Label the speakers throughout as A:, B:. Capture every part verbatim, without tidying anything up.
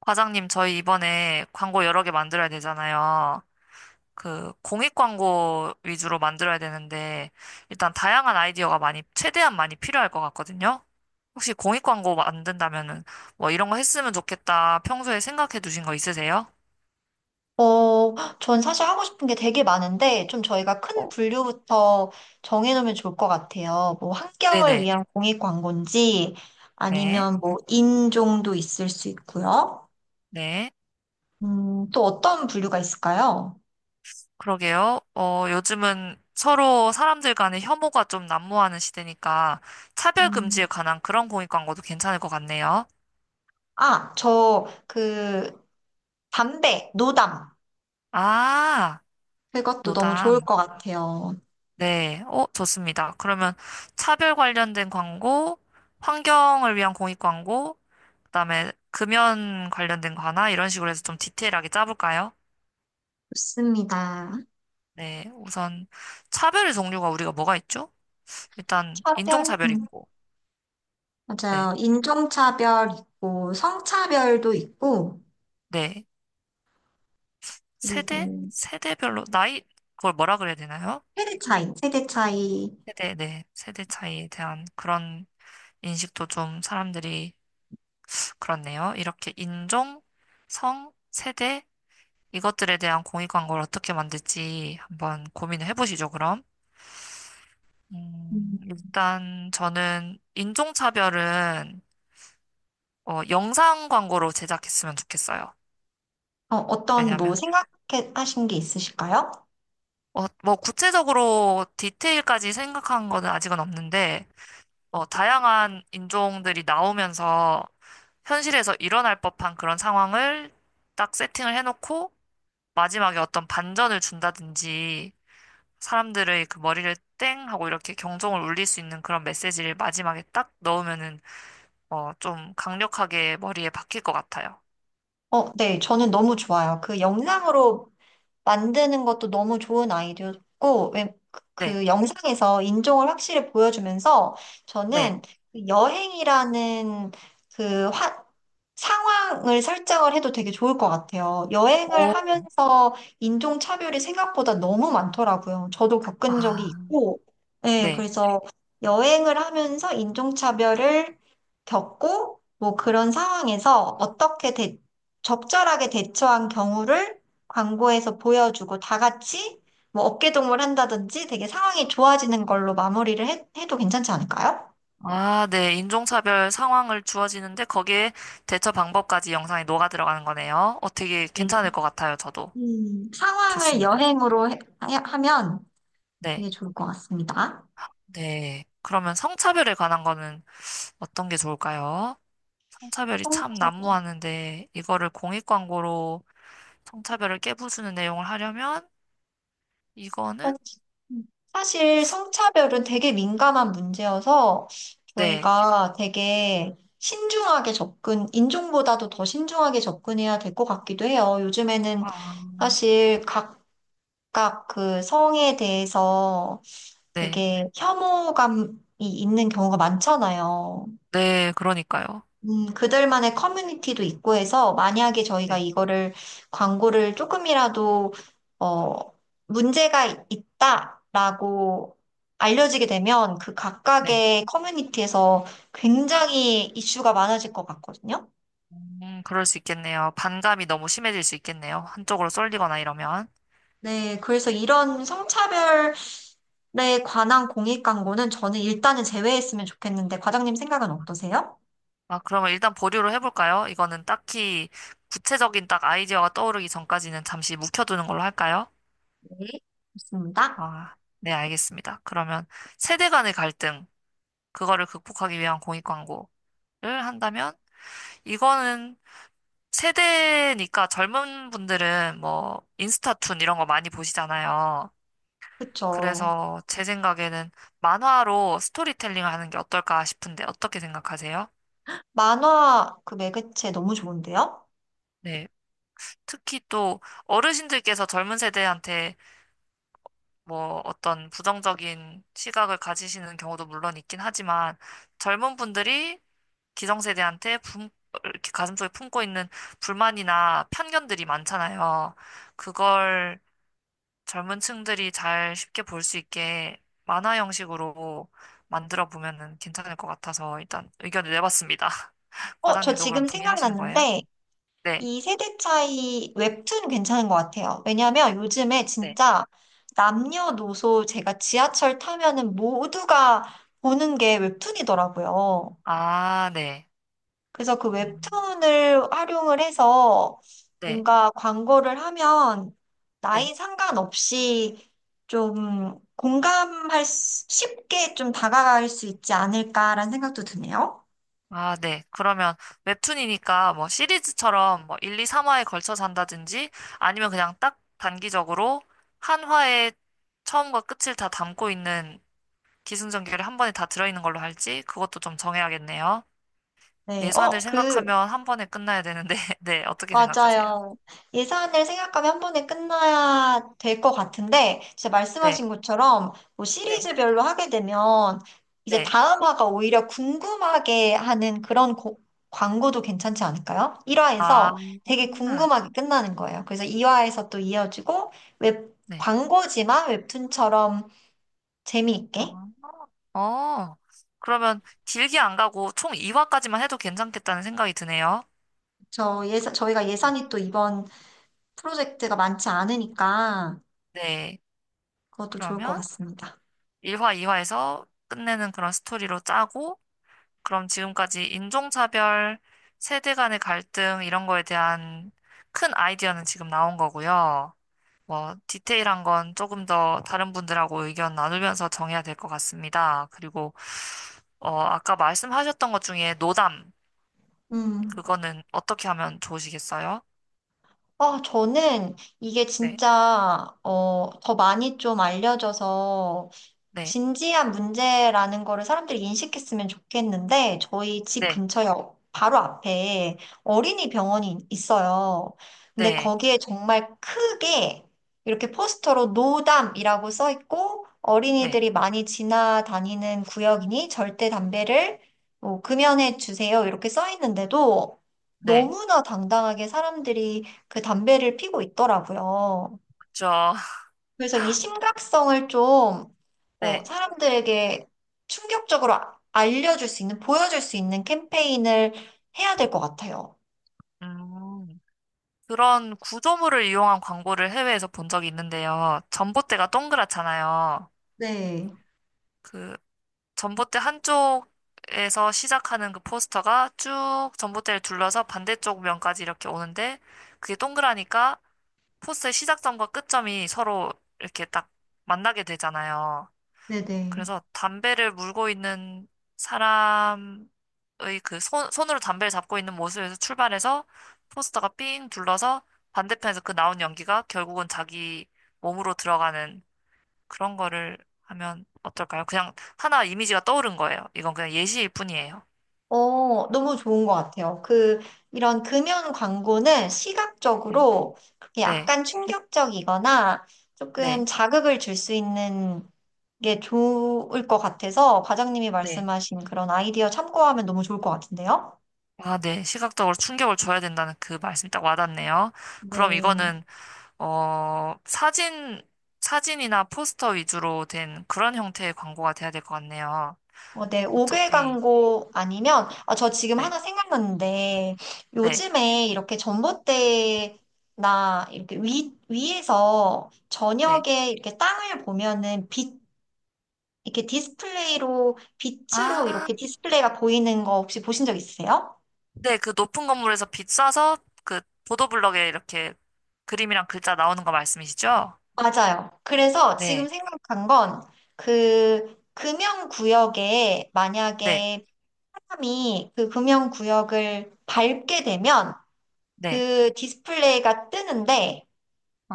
A: 과장님, 저희 이번에 광고 여러 개 만들어야 되잖아요. 그, 공익 광고 위주로 만들어야 되는데, 일단 다양한 아이디어가 많이, 최대한 많이 필요할 것 같거든요. 혹시 공익 광고 만든다면은, 뭐 이런 거 했으면 좋겠다. 평소에 생각해 두신 거 있으세요?
B: 어, 전 사실 하고 싶은 게 되게 많은데, 좀 저희가 큰
A: 어,
B: 분류부터 정해놓으면 좋을 것 같아요. 뭐, 환경을
A: 네네.
B: 위한 공익 광고인지,
A: 네.
B: 아니면 뭐, 인종도 있을 수 있고요.
A: 네.
B: 음, 또 어떤 분류가 있을까요?
A: 그러게요. 어, 요즘은 서로 사람들 간의 혐오가 좀 난무하는 시대니까, 차별
B: 음,
A: 금지에 관한 그런 공익 광고도 괜찮을 것 같네요.
B: 아, 저, 그, 담배, 노담.
A: 아,
B: 그것도 너무 좋을
A: 노담.
B: 것 같아요.
A: 네, 어, 좋습니다. 그러면 차별 관련된 광고, 환경을 위한 공익 광고, 그다음에 금연 관련된 거 하나 이런 식으로 해서 좀 디테일하게 짜볼까요?
B: 좋습니다.
A: 네, 우선 차별의 종류가 우리가 뭐가 있죠? 일단
B: 차별,
A: 인종차별
B: 음,
A: 있고, 네,
B: 맞아요. 인종차별 있고, 성차별도 있고,
A: 네, 세대,
B: 그리고,
A: 세대별로 나이 그걸 뭐라 그래야 되나요?
B: 세대 차이, 세대 차이.
A: 세대, 네, 세대 차이에 대한 그런 인식도 좀 사람들이 그렇네요. 이렇게 인종, 성, 세대 이것들에 대한 공익 광고를 어떻게 만들지 한번 고민을 해보시죠, 그럼.
B: 음.
A: 음, 일단 저는 인종차별은 어, 영상 광고로 제작했으면 좋겠어요.
B: 어, 어떤 뭐
A: 왜냐면
B: 생각하신 게 있으실까요?
A: 하 어, 뭐 구체적으로 디테일까지 생각한 거는 아직은 없는데 어, 다양한 인종들이 나오면서 현실에서 일어날 법한 그런 상황을 딱 세팅을 해놓고 마지막에 어떤 반전을 준다든지 사람들의 그 머리를 땡 하고 이렇게 경종을 울릴 수 있는 그런 메시지를 마지막에 딱 넣으면은 어, 좀 강력하게 머리에 박힐 것 같아요.
B: 어, 네, 저는 너무 좋아요. 그 영상으로 만드는 것도 너무 좋은 아이디어였고, 왜,
A: 네,
B: 그그 영상에서 인종을 확실히 보여주면서
A: 네.
B: 저는 그 여행이라는 그 화, 상황을 설정을 해도 되게 좋을 것 같아요.
A: 오,
B: 여행을 하면서 인종차별이 생각보다 너무 많더라고요. 저도 겪은 적이
A: 아,
B: 있고, 네,
A: 네.
B: 그래서 여행을 하면서 인종차별을 겪고, 뭐 그런 상황에서 어떻게 대, 적절하게 대처한 경우를 광고에서 보여주고 다 같이 뭐 어깨동무를 한다든지 되게 상황이 좋아지는 걸로 마무리를 해, 해도 괜찮지 않을까요?
A: 아, 네. 인종차별 상황을 주어지는데 거기에 대처 방법까지 영상에 녹아 들어가는 거네요. 어, 되게
B: 네.
A: 괜찮을 것 같아요. 저도.
B: 음, 상황을
A: 좋습니다.
B: 여행으로 해- 하- 하면
A: 네,
B: 되게 좋을 것 같습니다.
A: 네. 그러면 성차별에 관한 거는 어떤 게 좋을까요? 성차별이 참
B: 성차별.
A: 난무하는데 이거를 공익 광고로 성차별을 깨부수는 내용을 하려면 이거는
B: 사실 음, 사실 성차별은 되게 민감한 문제여서
A: 네,
B: 저희가 되게 신중하게 접근, 인종보다도 더 신중하게 접근해야 될 것 같기도 해요. 요즘에는
A: 아,
B: 사실 각 각각 그 성에 대해서
A: 네,
B: 되게 혐오감이 있는 경우가 많잖아요.
A: 네, 그러니까요.
B: 음, 그들만의 커뮤니티도 있고 해서 만약에 저희가
A: 네.
B: 이거를 광고를 조금이라도 어, 문제가 있다라고 알려지게 되면 그
A: 네.
B: 각각의 커뮤니티에서 굉장히 이슈가 많아질 것 같거든요.
A: 음, 그럴 수 있겠네요. 반감이 너무 심해질 수 있겠네요. 한쪽으로 쏠리거나 이러면.
B: 네, 그래서 이런 에 관한 공익 광고는 저는 일단은 제외했으면 좋겠는데, 과장님 생각은 어떠세요?
A: 아, 그러면 일단 보류로 해볼까요? 이거는 딱히 구체적인 딱 아이디어가 떠오르기 전까지는 잠시 묵혀두는 걸로 할까요?
B: 네. 좋습니다.
A: 아, 네, 알겠습니다. 그러면 세대 간의 갈등, 그거를 극복하기 위한 공익 광고를 한다면, 이거는 세대니까 젊은 분들은 뭐 인스타툰 이런 거 많이 보시잖아요.
B: 그쵸.
A: 그래서 제 생각에는 만화로 스토리텔링 하는 게 어떨까 싶은데 어떻게 생각하세요?
B: 만화 그 매개체 너무 좋은데요?
A: 네. 특히 또 어르신들께서 젊은 세대한테 뭐 어떤 부정적인 시각을 가지시는 경우도 물론 있긴 하지만 젊은 분들이 기성세대한테 품, 이렇게 가슴속에 품고 있는 불만이나 편견들이 많잖아요. 그걸 젊은 층들이 잘 쉽게 볼 수 있게 만화 형식으로 만들어 보면은 괜찮을 것 같아서 일단 의견을 내봤습니다.
B: 어, 저
A: 과장님도 그럼
B: 지금
A: 동의하시는 거예요?
B: 생각났는데,
A: 네.
B: 이 세대 차이 웹툰 괜찮은 것 같아요. 왜냐면 요즘에
A: 네.
B: 진짜 남녀노소 제가 지하철 타면은 모두가 보는 게 웹툰이더라고요.
A: 아, 네.
B: 그래서 그
A: 음,
B: 웹툰을 활용을 해서
A: 네.
B: 뭔가 광고를 하면
A: 네.
B: 나이 상관없이 좀 공감할 수- 쉽게 좀 다가갈 수 있지 않을까라는 생각도 드네요.
A: 아, 네. 그러면 웹툰이니까 뭐 시리즈처럼 뭐 일, 이, 삼 화에 걸쳐서 한다든지 아니면 그냥 딱 단기적으로 한 화에 처음과 끝을 다 담고 있는 기승전결이 한 번에 다 들어있는 걸로 할지 그것도 좀 정해야겠네요.
B: 네.
A: 예산을
B: 어, 그
A: 생각하면 한 번에 끝나야 되는데, 네, 어떻게 생각하세요?
B: 맞아요. 예산을 생각하면 한 번에 끝나야 될 것 같은데, 진짜
A: 네,
B: 말씀하신 것처럼 뭐
A: 네,
B: 시리즈별로 하게 되면 이제
A: 네.
B: 다음 화가 오히려 궁금하게 하는 그런 고- 광고도 괜찮지 않을까요?
A: 아,
B: 일 화에서 되게 궁금하게 끝나는 거예요. 그래서 이 화에서 또 이어지고, 웹,
A: 네.
B: 광고지만 웹툰처럼 재미있게.
A: 어, 어, 그러면 길게 안 가고 총 이 화까지만 해도 괜찮겠다는 생각이 드네요.
B: 저 예산, 저희가 예산이 또 이번 프로젝트가 많지 않으니까
A: 네,
B: 그것도 좋을 것
A: 그러면
B: 같습니다.
A: 일 화, 이 화에서 끝내는 그런 스토리로 짜고, 그럼 지금까지 인종차별, 세대 간의 갈등, 이런 거에 대한 큰 아이디어는 지금 나온 거고요. 뭐, 디테일한 건 조금 더 다른 분들하고 의견 나누면서 정해야 될 것 같습니다. 그리고, 어, 아까 말씀하셨던 것 중에 노담,
B: 음.
A: 그거는 어떻게 하면 좋으시겠어요?
B: 아, 저는 이게
A: 네,
B: 진짜, 어, 더 많이 좀 알려져서
A: 네,
B: 진지한 문제라는 거를 사람들이 인식했으면 좋겠는데, 저희 집
A: 네,
B: 근처에 어- 바로 앞에 어린이 병원이 있어요. 근데
A: 네,
B: 거기에 정말 크게 이렇게 포스터로 노담이라고 써 있고,
A: 네,
B: 어린이들이 많이 지나다니는 구역이니 절대 담배를 뭐 금연해 주세요. 이렇게 써 있는데도
A: 네,
B: 너무나 당당하게 사람들이 그 담배를 피고 있더라고요.
A: 그쵸.
B: 그래서 이 심각성을 좀 어,
A: 네.
B: 사람들에게 충격적으로 아- 알려줄 수 있는, 보여줄 수 있는 캠페인을 해야 될 것 같아요.
A: 음, 그런 구조물을 이용한 광고를 해외에서 본 적이 있는데요. 전봇대가 동그랗잖아요.
B: 네,
A: 그 전봇대 한쪽에서 시작하는 그 포스터가 쭉 전봇대를 둘러서 반대쪽 면까지 이렇게 오는데 그게 동그라니까 포스의 시작점과 끝점이 서로 이렇게 딱 만나게 되잖아요.
B: 네네.
A: 그래서 담배를 물고 있는 사람의 그 손, 손으로 담배를 잡고 있는 모습에서 출발해서 포스터가 삥 둘러서 반대편에서 그 나온 연기가 결국은 자기 몸으로 들어가는 그런 거를 하면 어떨까요? 그냥 하나 이미지가 떠오른 거예요. 이건 그냥 예시일 뿐이에요.
B: 어, 너무 좋은 것 같아요. 그, 이런 금연 광고는
A: 네,
B: 시각적으로 그렇게
A: 네,
B: 약간 충격적이거나 조금
A: 네.
B: 자극을 줄 수 있는 게 좋을 것 같아서 과장님이
A: 네.
B: 말씀하신 그런 아이디어 참고하면 너무 좋을 것 같은데요?
A: 아, 네. 시각적으로 충격을 줘야 된다는 그 말씀 딱 와닿네요. 그럼
B: 네.
A: 이거는, 어, 사진, 사진이나 포스터 위주로 된 그런 형태의 광고가 돼야 될 것 같네요.
B: 어, 네, 옥개
A: 어차피,
B: 광고 아니면, 아, 저 지금
A: 네,
B: 하나 생각났는데,
A: 네,
B: 요즘에 이렇게 전봇대나 이렇게 위, 위에서
A: 네.
B: 저녁에 이렇게 땅을 보면은 빛, 이렇게 디스플레이로, 빛으로
A: 아,
B: 이렇게 디스플레이가 보이는 거 혹시 보신 적 있으세요?
A: 네. 그 높은 건물에서 빛 쏴서 그 보도블럭에 이렇게 그림이랑 글자 나오는 거 말씀이시죠?
B: 맞아요. 그래서 지금
A: 네,
B: 생각한 건, 그, 금연구역에
A: 네,
B: 만약에 사람이 그 금연구역을 밟게 되면,
A: 네.
B: 그 디스플레이가 뜨는데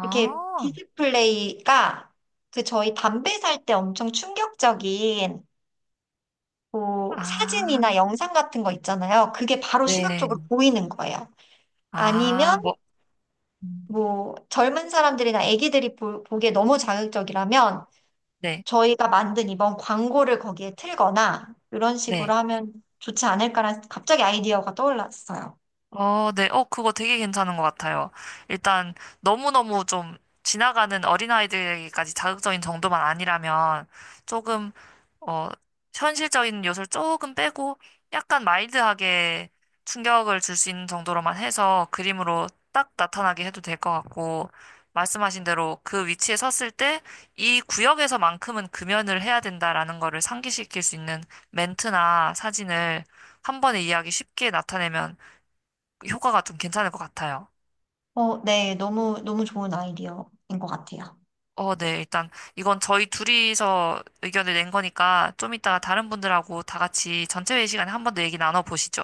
B: 이렇게 디스플레이가 그 저희 담배 살 때 엄청 충격적인 뭐
A: 아,
B: 사진이나 영상 같은 거 있잖아요. 그게 바로
A: 네.
B: 시각적으로 보이는 거예요.
A: 아,
B: 아니면
A: 뭐, 음,
B: 뭐 젊은 사람들이나 아기들이 보, 보기에 너무 자극적이라면
A: 네,
B: 저희가 만든 이번 광고를 거기에 틀거나 이런
A: 네.
B: 식으로 하면 좋지 않을까라는 갑자기 아이디어가 떠올랐어요.
A: 어, 네. 어, 그거 되게 괜찮은 것 같아요. 일단 너무너무 좀 지나가는 어린아이들까지 자극적인 정도만 아니라면 조금, 어, 현실적인 요소를 조금 빼고 약간 마일드하게 충격을 줄 수 있는 정도로만 해서 그림으로 딱 나타나게 해도 될 것 같고, 말씀하신 대로 그 위치에 섰을 때 이 구역에서만큼은 금연을 해야 된다라는 거를 상기시킬 수 있는 멘트나 사진을 한 번에 이해하기 쉽게 나타내면 효과가 좀 괜찮을 것 같아요.
B: 어, 네, 너무 너무 좋은 아이디어인 것 같아요.
A: 어, 네. 일단 이건 저희 둘이서 의견을 낸 거니까 좀 이따가 다른 분들하고 다 같이 전체 회의 시간에 한 번 더 얘기 나눠보시죠.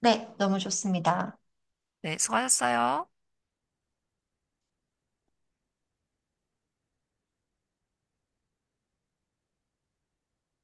B: 네, 너무 좋습니다.
A: 네, 수고하셨어요.